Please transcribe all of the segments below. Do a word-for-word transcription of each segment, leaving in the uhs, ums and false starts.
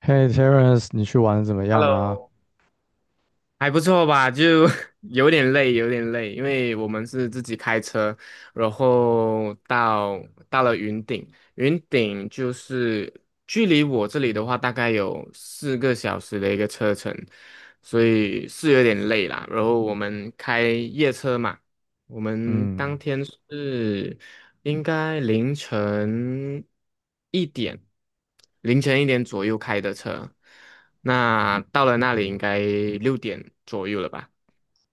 嘿，Terence，你去玩的怎么样啊？Hello，还不错吧？就 有点累，有点累，因为我们是自己开车，然后到到了云顶，云顶就是距离我这里的话，大概有四个小时的一个车程，所以是有点累啦。然后我们开夜车嘛。我们当嗯，天是应该凌晨一点，凌晨一点左右开的车，那到了那里应该六点左右了吧？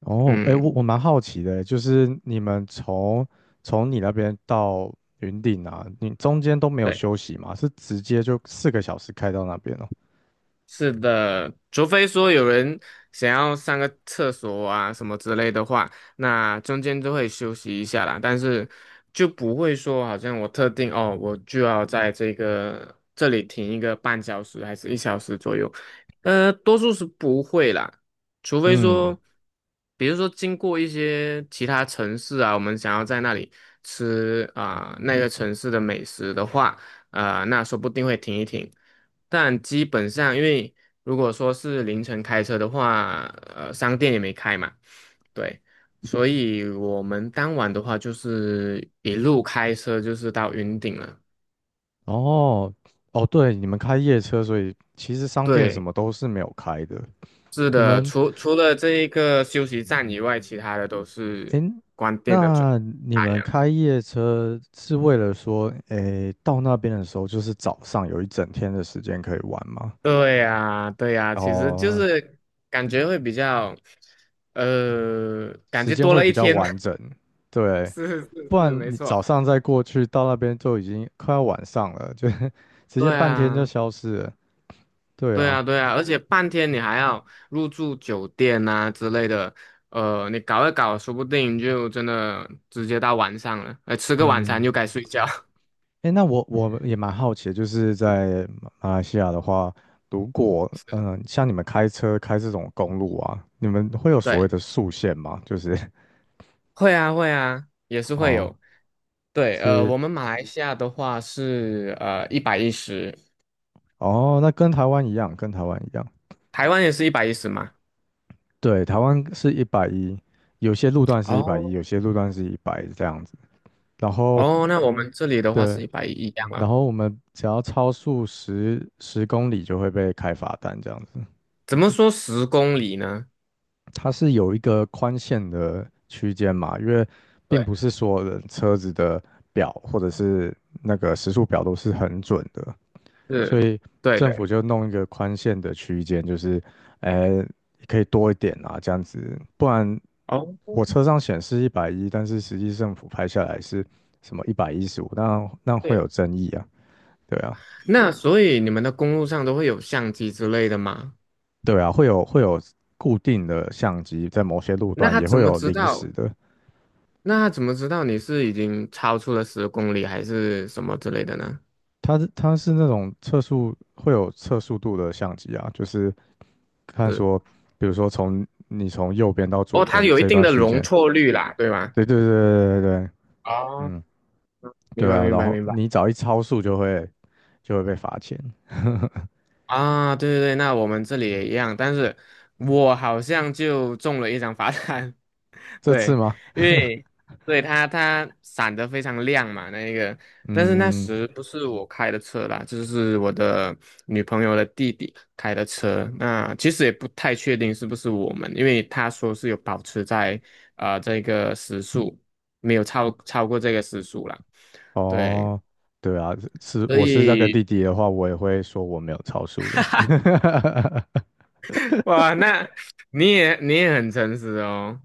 哦，哎，我嗯。我蛮好奇的，就是你们从从你那边到云顶啊，你中间都没有对。休息吗？是直接就四个小时开到那边哦？是的，除非说有人想要上个厕所啊什么之类的话，那中间都会休息一下啦。但是就不会说好像我特定哦，我就要在这个这里停一个半小时还是一小时左右，呃，多数是不会啦。除非嗯，说，比如说经过一些其他城市啊，我们想要在那里吃啊、那个城市的美食的话。呃，那说不定会停一停。但基本上，因为如果说是凌晨开车的话，呃，商店也没开嘛，对，所以我们当晚的话就是一路开车就是到云顶了。哦，哦，对，你们开夜车，所以其实商店什对，么都是没有开的。是你的，们，除除了这一个休息站以外，其他的都哎，是关店的准那你打烊们的。开夜车是为了说，哎，到那边的时候就是早上有一整天的时间可以玩吗？对呀，对呀，其实就哦。是感觉会比较，呃，感时觉间多会了比一较天嘛。完 整，对，是是不是，然没你错。早上再过去到那边就已经快要晚上了，就 直接对半天就啊，消失了。对对啊，啊，对啊，而且半天你还要入住酒店啊之类的，呃，你搞一搞，说不定就真的直接到晚上了，哎，吃个晚餐嗯，就该睡觉。诶，那我我也蛮好奇的，就是在马来西亚的话，如果是，嗯、呃像你们开车开这种公路啊，你们会有所谓对，的速限吗？就是 会啊，会啊，也是会哦有。对，呃，是我们马来西亚的话是呃一百一十，哦，那跟台湾一样，跟台湾一样，台湾也是一百一十嘛。对，台湾是一百一，有些路段是一百一，哦有些路段是一百这样子，然后。哦，那我们这里的话对，是一百一一样然啊。后我们只要超速十十公里就会被开罚单这样子。怎么说十公里呢？它是有一个宽限的区间嘛，因为并对，不是所有人车子的表或者是那个时速表都是很准的，所是，以对政对。府就弄一个宽限的区间，就是，呃，可以多一点啊这样子，不然哦。我车上显示一百一，但是实际政府拍下来是什么一百一十五，那那会有对，争议啊，对啊。那所以你们的公路上都会有相机之类的吗？对啊，会有会有固定的相机，在某些路那段他也怎会么有知临时道？的。那他怎么知道你是已经超出了十公里还是什么之类的呢？它是它是那种测速会有测速度的相机啊，就是看是，说，比如说从你从右边到哦，左它边有一这定段的区容间，错率啦，对吧？对对对对对对，哦，嗯，明对白啊，明然白后明白。你只要一超速就会就会被罚钱。啊，对对对，那我们这里也一样，但是我好像就中了一张罚单，这次对，吗？因为对它它闪得非常亮嘛，那一个，但是那嗯，时不是我开的车啦，就是我的女朋友的弟弟开的车。那其实也不太确定是不是我们，因为他说是有保持在啊这个时速，没有超超过这个时速啦。对，哦，对啊，是所我是那个弟以 弟的话，我也会说我没有超速的。哇，那你也你也很诚实哦。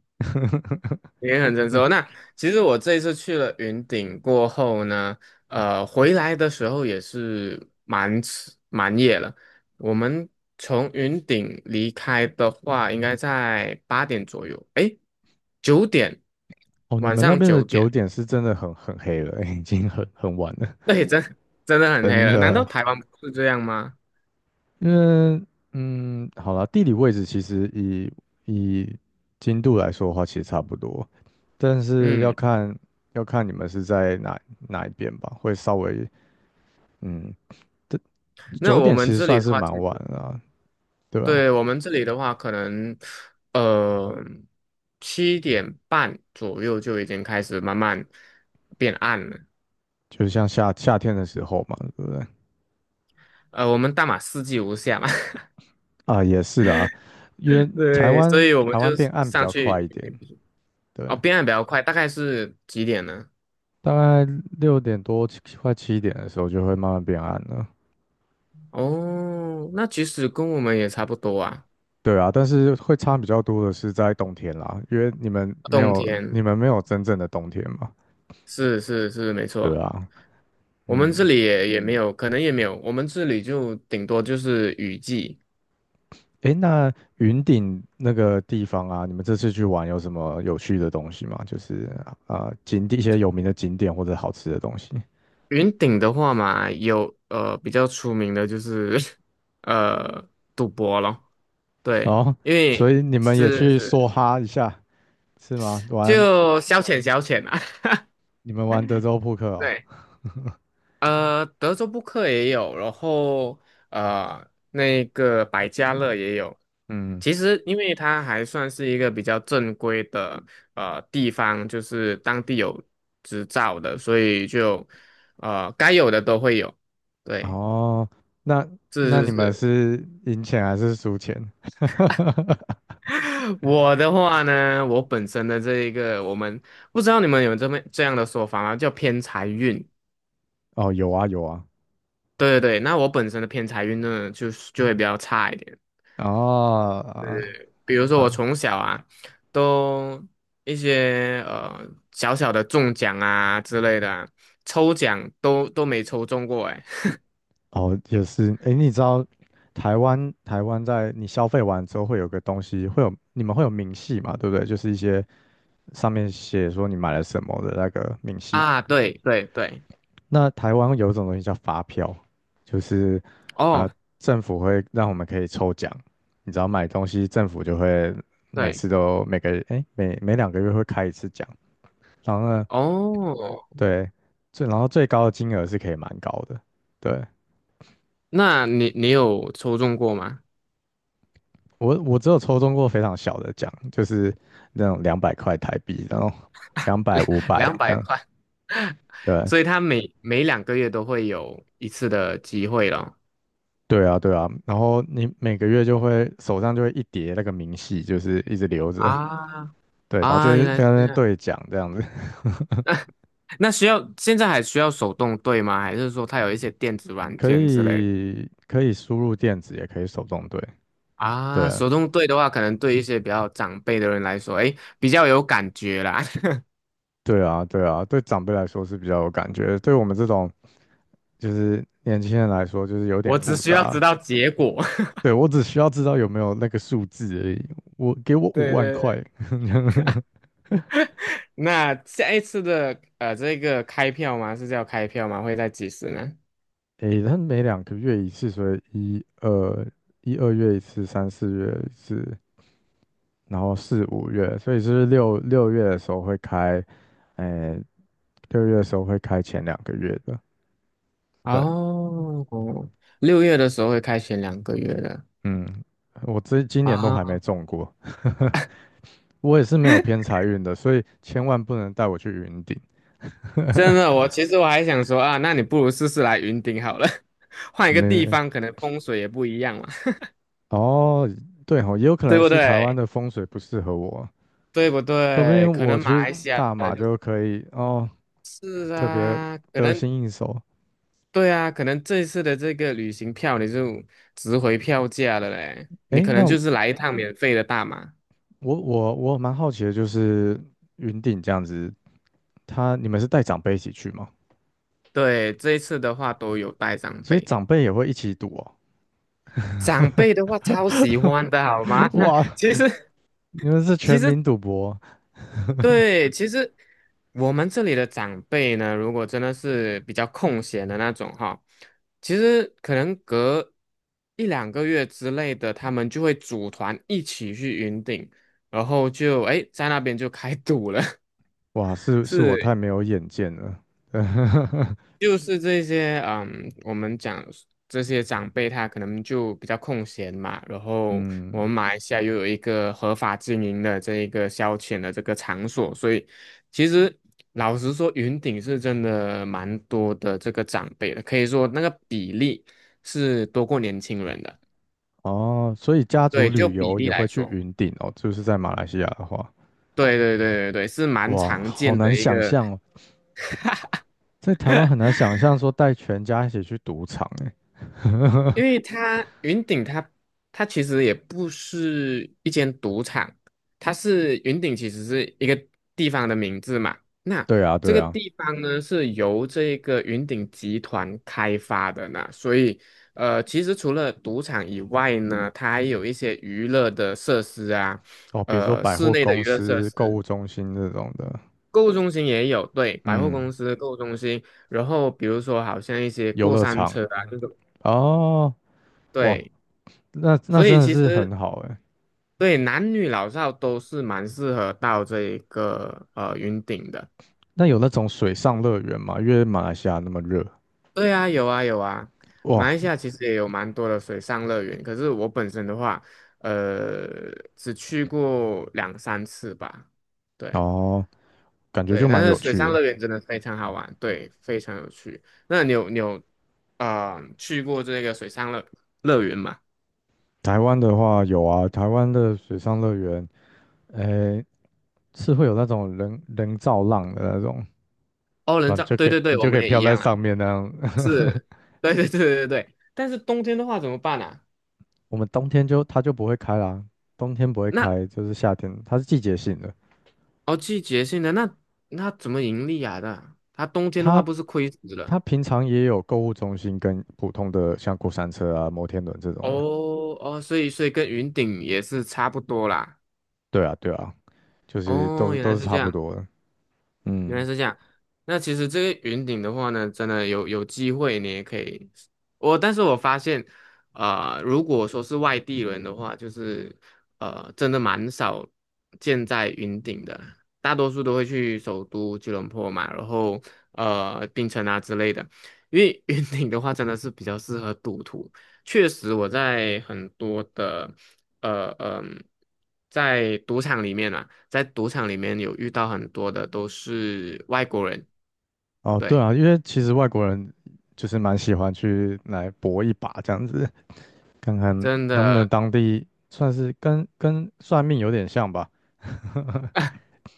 也很成熟。那其实我这一次去了云顶过后呢，呃，回来的时候也是蛮迟蛮夜了。我们从云顶离开的话，应该在八点左右，诶，九点，哦，你晚们那上边的九九点，点是真的很很黑了，已经很很晚了，那也真 真的很黑真了。难道的。台湾不是这样吗？因为，嗯，好啦，地理位置其实以以经度来说的话，其实差不多，但是要嗯，看要看你们是在哪哪一边吧，会稍微，嗯，这那九我点们其实这里算的是话，蛮其晚实。了啊，对吧？对，我们这里的话，可能呃七点半左右就已经开始慢慢变暗了。就是像夏夏天的时候嘛，对不对？呃，我们大马四季无夏嘛，啊，也是啦，因为台对，所湾以我们台就湾变暗比上较快去。一点，对。哦，变暗比较快，大概是几点呢？大概六点多七快七点的时候就会慢慢变暗了。哦，那其实跟我们也差不多啊。对啊，但是会差比较多的是在冬天啦，因为你们没冬有天你们没有真正的冬天嘛。是是是，没对错，啊，我们这嗯，里也也没有，可能也没有，我们这里就顶多就是雨季。诶，那云顶那个地方啊，你们这次去玩有什么有趣的东西吗？就是呃景点一些有名的景点或者好吃的东西。云顶的话嘛，有呃比较出名的就是 呃赌博咯，对，哦，因所为以你们也是去梭是哈一下是吗？玩就消遣消遣啊，你们玩德州扑克 哦。对，呃，德州扑克也有，然后呃那个百家乐也有。嗯。其实，因为它还算是一个比较正规的呃地方，就是当地有执照的，所以就呃该有的都会有。对，哦，那那是是你们是，是赢钱还是输钱？我的话呢，我本身的这一个，我们不知道你们有这么这样的说法吗？叫偏财运。哦，有啊有啊，对对对，那我本身的偏财运呢，就是就会比较差一点。哦啊比如说我啊从小啊，都一些呃小小的中奖啊之类的啊抽奖都都没抽中过哎。哦也是，诶，你知道台湾台湾在你消费完之后会有个东西，会有你们会有明细嘛，对不对？就是一些上面写说你买了什么的那个明细。啊，对对对，那台湾有一种东西叫发票，就是呃哦政府会让我们可以抽奖，你只要买东西，政府就会每对次都每个诶每每两个月会开一次奖。然后呢，哦，对，最然后最高的金额是可以蛮高的。对，那你你有抽中过吗？我我只有抽中过非常小的奖，就是那种两百块台币，然后两百、两五百两这百样。块，对，所以他每每两个月都会有一次的机会了对啊，对啊。然后你每个月就会手上就会一叠那个明细，就是一直留着。啊对，然后就啊，原是来在是那边这兑奖这样子，样，那需要现在还需要手动对吗？还是说它有一些电子 软可件之类的？以可以输入电子，也可以手动兑。啊？对，手动对的话，可能对一些比较长辈的人来说，哎，比较有感觉啦。对啊，对啊，对长辈来说是比较有感觉，对我们这种就是年轻人来说，就是有点我只复需要知杂。道结果。对，我只需要知道有没有那个数字而已。我给我 五对万对块，对。那下一次的呃，这个开票吗？是叫开票吗？会在几时呢？诶，他每两个月一次，所以一二一二月一次，三四月一次，然后四五月，所以是六六月的时候会开，诶，六月的时候会开前两个月的。对，哦，六月的时候会开选两个月的。嗯，我这今年都还啊，没中过，我也是没有偏财运的，所以千万不能带我去云顶。真的，我其实我还想说啊，那你不如试试来云顶好了，换一个地没方，可能风水也不一样嘛，哦，对哦，也有可对能不是台湾对？的风水不适合我，对不说不对？定可我能马去来西亚大的马就就可以哦，是特别啊，可得能心应手。对啊，可能这一次的这个旅行票你就值回票价了嘞，你诶，可那能我就是来一趟免费的大马。我我蛮好奇的，就是云顶这样子，他你们是带长辈一起去吗？对，这一次的话都有带长所以辈，长辈也会一起赌哦？长辈的话超喜欢的好吗？哇，其实你们是其全实民赌博？对，其实我们这里的长辈呢，如果真的是比较空闲的那种哈，其实可能隔一两个月之类的，他们就会组团一起去云顶，然后就哎在那边就开赌了，哇，是是我太是，没有眼见了。就是这些，嗯，我们讲这些长辈他可能就比较空闲嘛，然后我嗯，们马来西亚又有一个合法经营的这一个消遣的这个场所，所以其实老实说，云顶是真的蛮多的这个长辈的，可以说那个比例是多过年轻人的，哦，所以家族对，就旅比游例也会来去说，云顶哦，就是在马来西亚的话。对对对对对，是蛮哇，常好见难的一想个。象哦。在台湾很难想象说带全家一起去赌场诶。哎因为它云顶它它其实也不是一间赌场，它是云顶其实是一个地方的名字嘛。那对啊，这对个啊，地方呢是由这个云顶集团开发的呢，所以呃，其实除了赌场以外呢，它还有一些娱乐的设施啊，哦，比如说呃，百室货内的公娱乐设司、购施，物中心这种的，购物中心也有，对，百货嗯，公司购物中心，然后比如说好像一些游过乐山场，车啊这种，哦，哇，对。那那所以真的其是实很好诶。欸对，男女老少都是蛮适合到这一个呃云顶的。那有那种水上乐园吗？因为马来西亚那么热，对啊，有啊有啊，马哇，来西亚其实也有蛮多的水上乐园，可是我本身的话，呃，只去过两三次吧。对哦，感觉对，就蛮但是有水趣上的。乐园真的非常好玩，对，非常有趣。那你有你有啊呃去过这个水上乐乐园吗？台湾的话有啊，台湾的水上乐园，诶，是会有那种人人造浪的那种，哦，人那你造，就对可以对对，你我就可们以也一飘在样啦。上面那样 对对对对对对，但是冬天的话怎么办啊？我们冬天就它就不会开啦，冬天不会那。开，就是夏天，它是季节性的。哦，季节性的，那那怎么盈利啊？那它冬天的话它不是亏死了？它平常也有购物中心跟普通的像过山车啊、摩天轮这种的。哦哦，所以所以跟云顶也是差不多啦。对啊，对啊，就是都哦，是原都来是是这差不样。多的。原来嗯，是这样。那其实这个云顶的话呢，真的有有机会你也可以。我但是我发现，呃，如果说是外地人的话，就是呃，真的蛮少见在云顶的，大多数都会去首都吉隆坡嘛，然后呃，槟城啊之类的。因为 云顶的话，真的是比较适合赌徒。确实，我在很多的呃嗯、在赌场里面啊，在赌场里面有遇到很多的都是外国人，哦，对对，啊，因为其实外国人就是蛮喜欢去来搏一把这样子，看看真能不能的，当地算是跟跟算命有点像吧。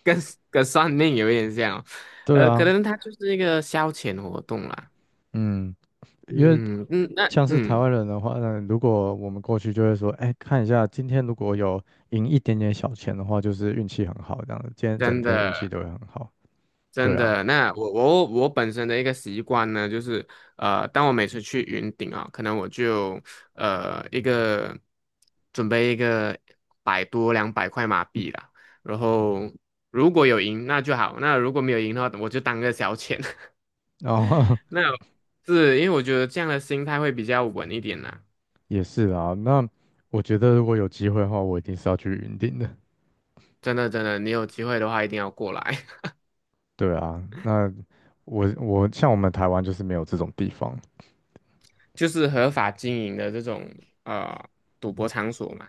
跟跟算命有一点像哦，对呃，可啊，能它就是一个消遣活动啦。嗯，因为嗯嗯，那像是台嗯，湾人的话呢，如果我们过去就会说，哎，看一下今天如果有赢一点点小钱的话，就是运气很好这样子，今天整真天运气的。都会很好。对真啊，的，那我我我本身的一个习惯呢，就是呃，当我每次去云顶啊，可能我就呃一个准备一个百多两百块马币啦，然后如果有赢那就好，那如果没有赢的话，我就当个小钱。然后 那是因为我觉得这样的心态会比较稳一点啦。也是啊，那我觉得如果有机会的话，我一定是要去云顶的。真的真的，你有机会的话一定要过来，对啊，那我我像我们台湾就是没有这种地方。就是合法经营的这种呃赌博场所嘛。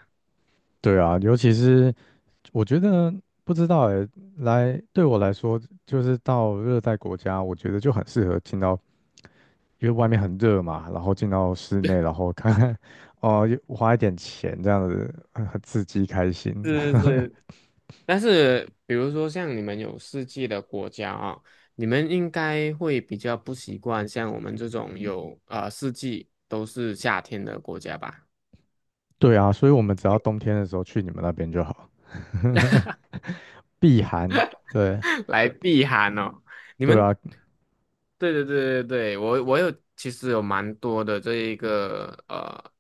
对啊，尤其是我觉得不知道哎，来对我来说，就是到热带国家，我觉得就很适合进到因为外面很热嘛，然后进到室内，然后 看看，哦，花一点钱这样子，很很刺激开心。是 是，但是比如说像你们有四季的国家啊，你们应该会比较不习惯像我们这种有呃四季都是夏天的国家吧，对啊，所以我们只要冬天的时候去你们那边就好，避寒。对，来避寒哦。你对们啊，对对对对对，我我有其实有蛮多的这一个呃，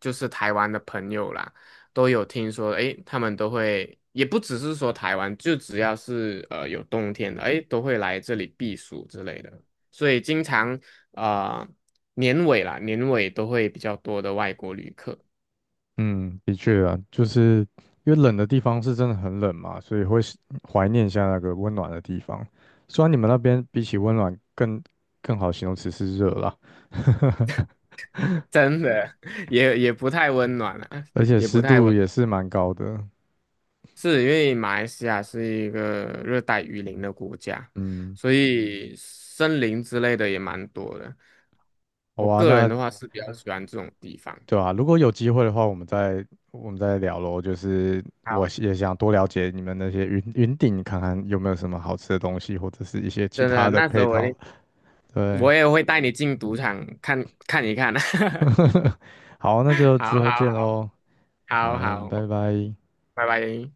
就是台湾的朋友啦，都有听说，诶，他们都会，也不只是说台湾，就只要是呃有冬天的，诶，都会来这里避暑之类的，所以经常啊、呃年尾啦，年尾都会比较多的外国旅客，嗯，的确啊，就是因为冷的地方是真的很冷嘛，所以会是怀念一下那个温暖的地方。虽然你们那边比起温暖更更好形容词是热啦，真的 也也不太温暖了，而 且也不湿太。度温。也是蛮高的。是因为马来西亚是一个热带雨林的国家，嗯，所以森林之类的也蛮多的。好我啊，个人那的话是比较喜欢这种地方。对啊，如果有机会的话，我们再我们再聊咯。就是我好，也想多了解你们那些云云顶，看看有没有什么好吃的东西，或者是一些其真的，他的那时配候我一套。定对，我也会带你进赌场看看一看。好，那就之好后见好喽。好嗯，好，拜拜。拜拜。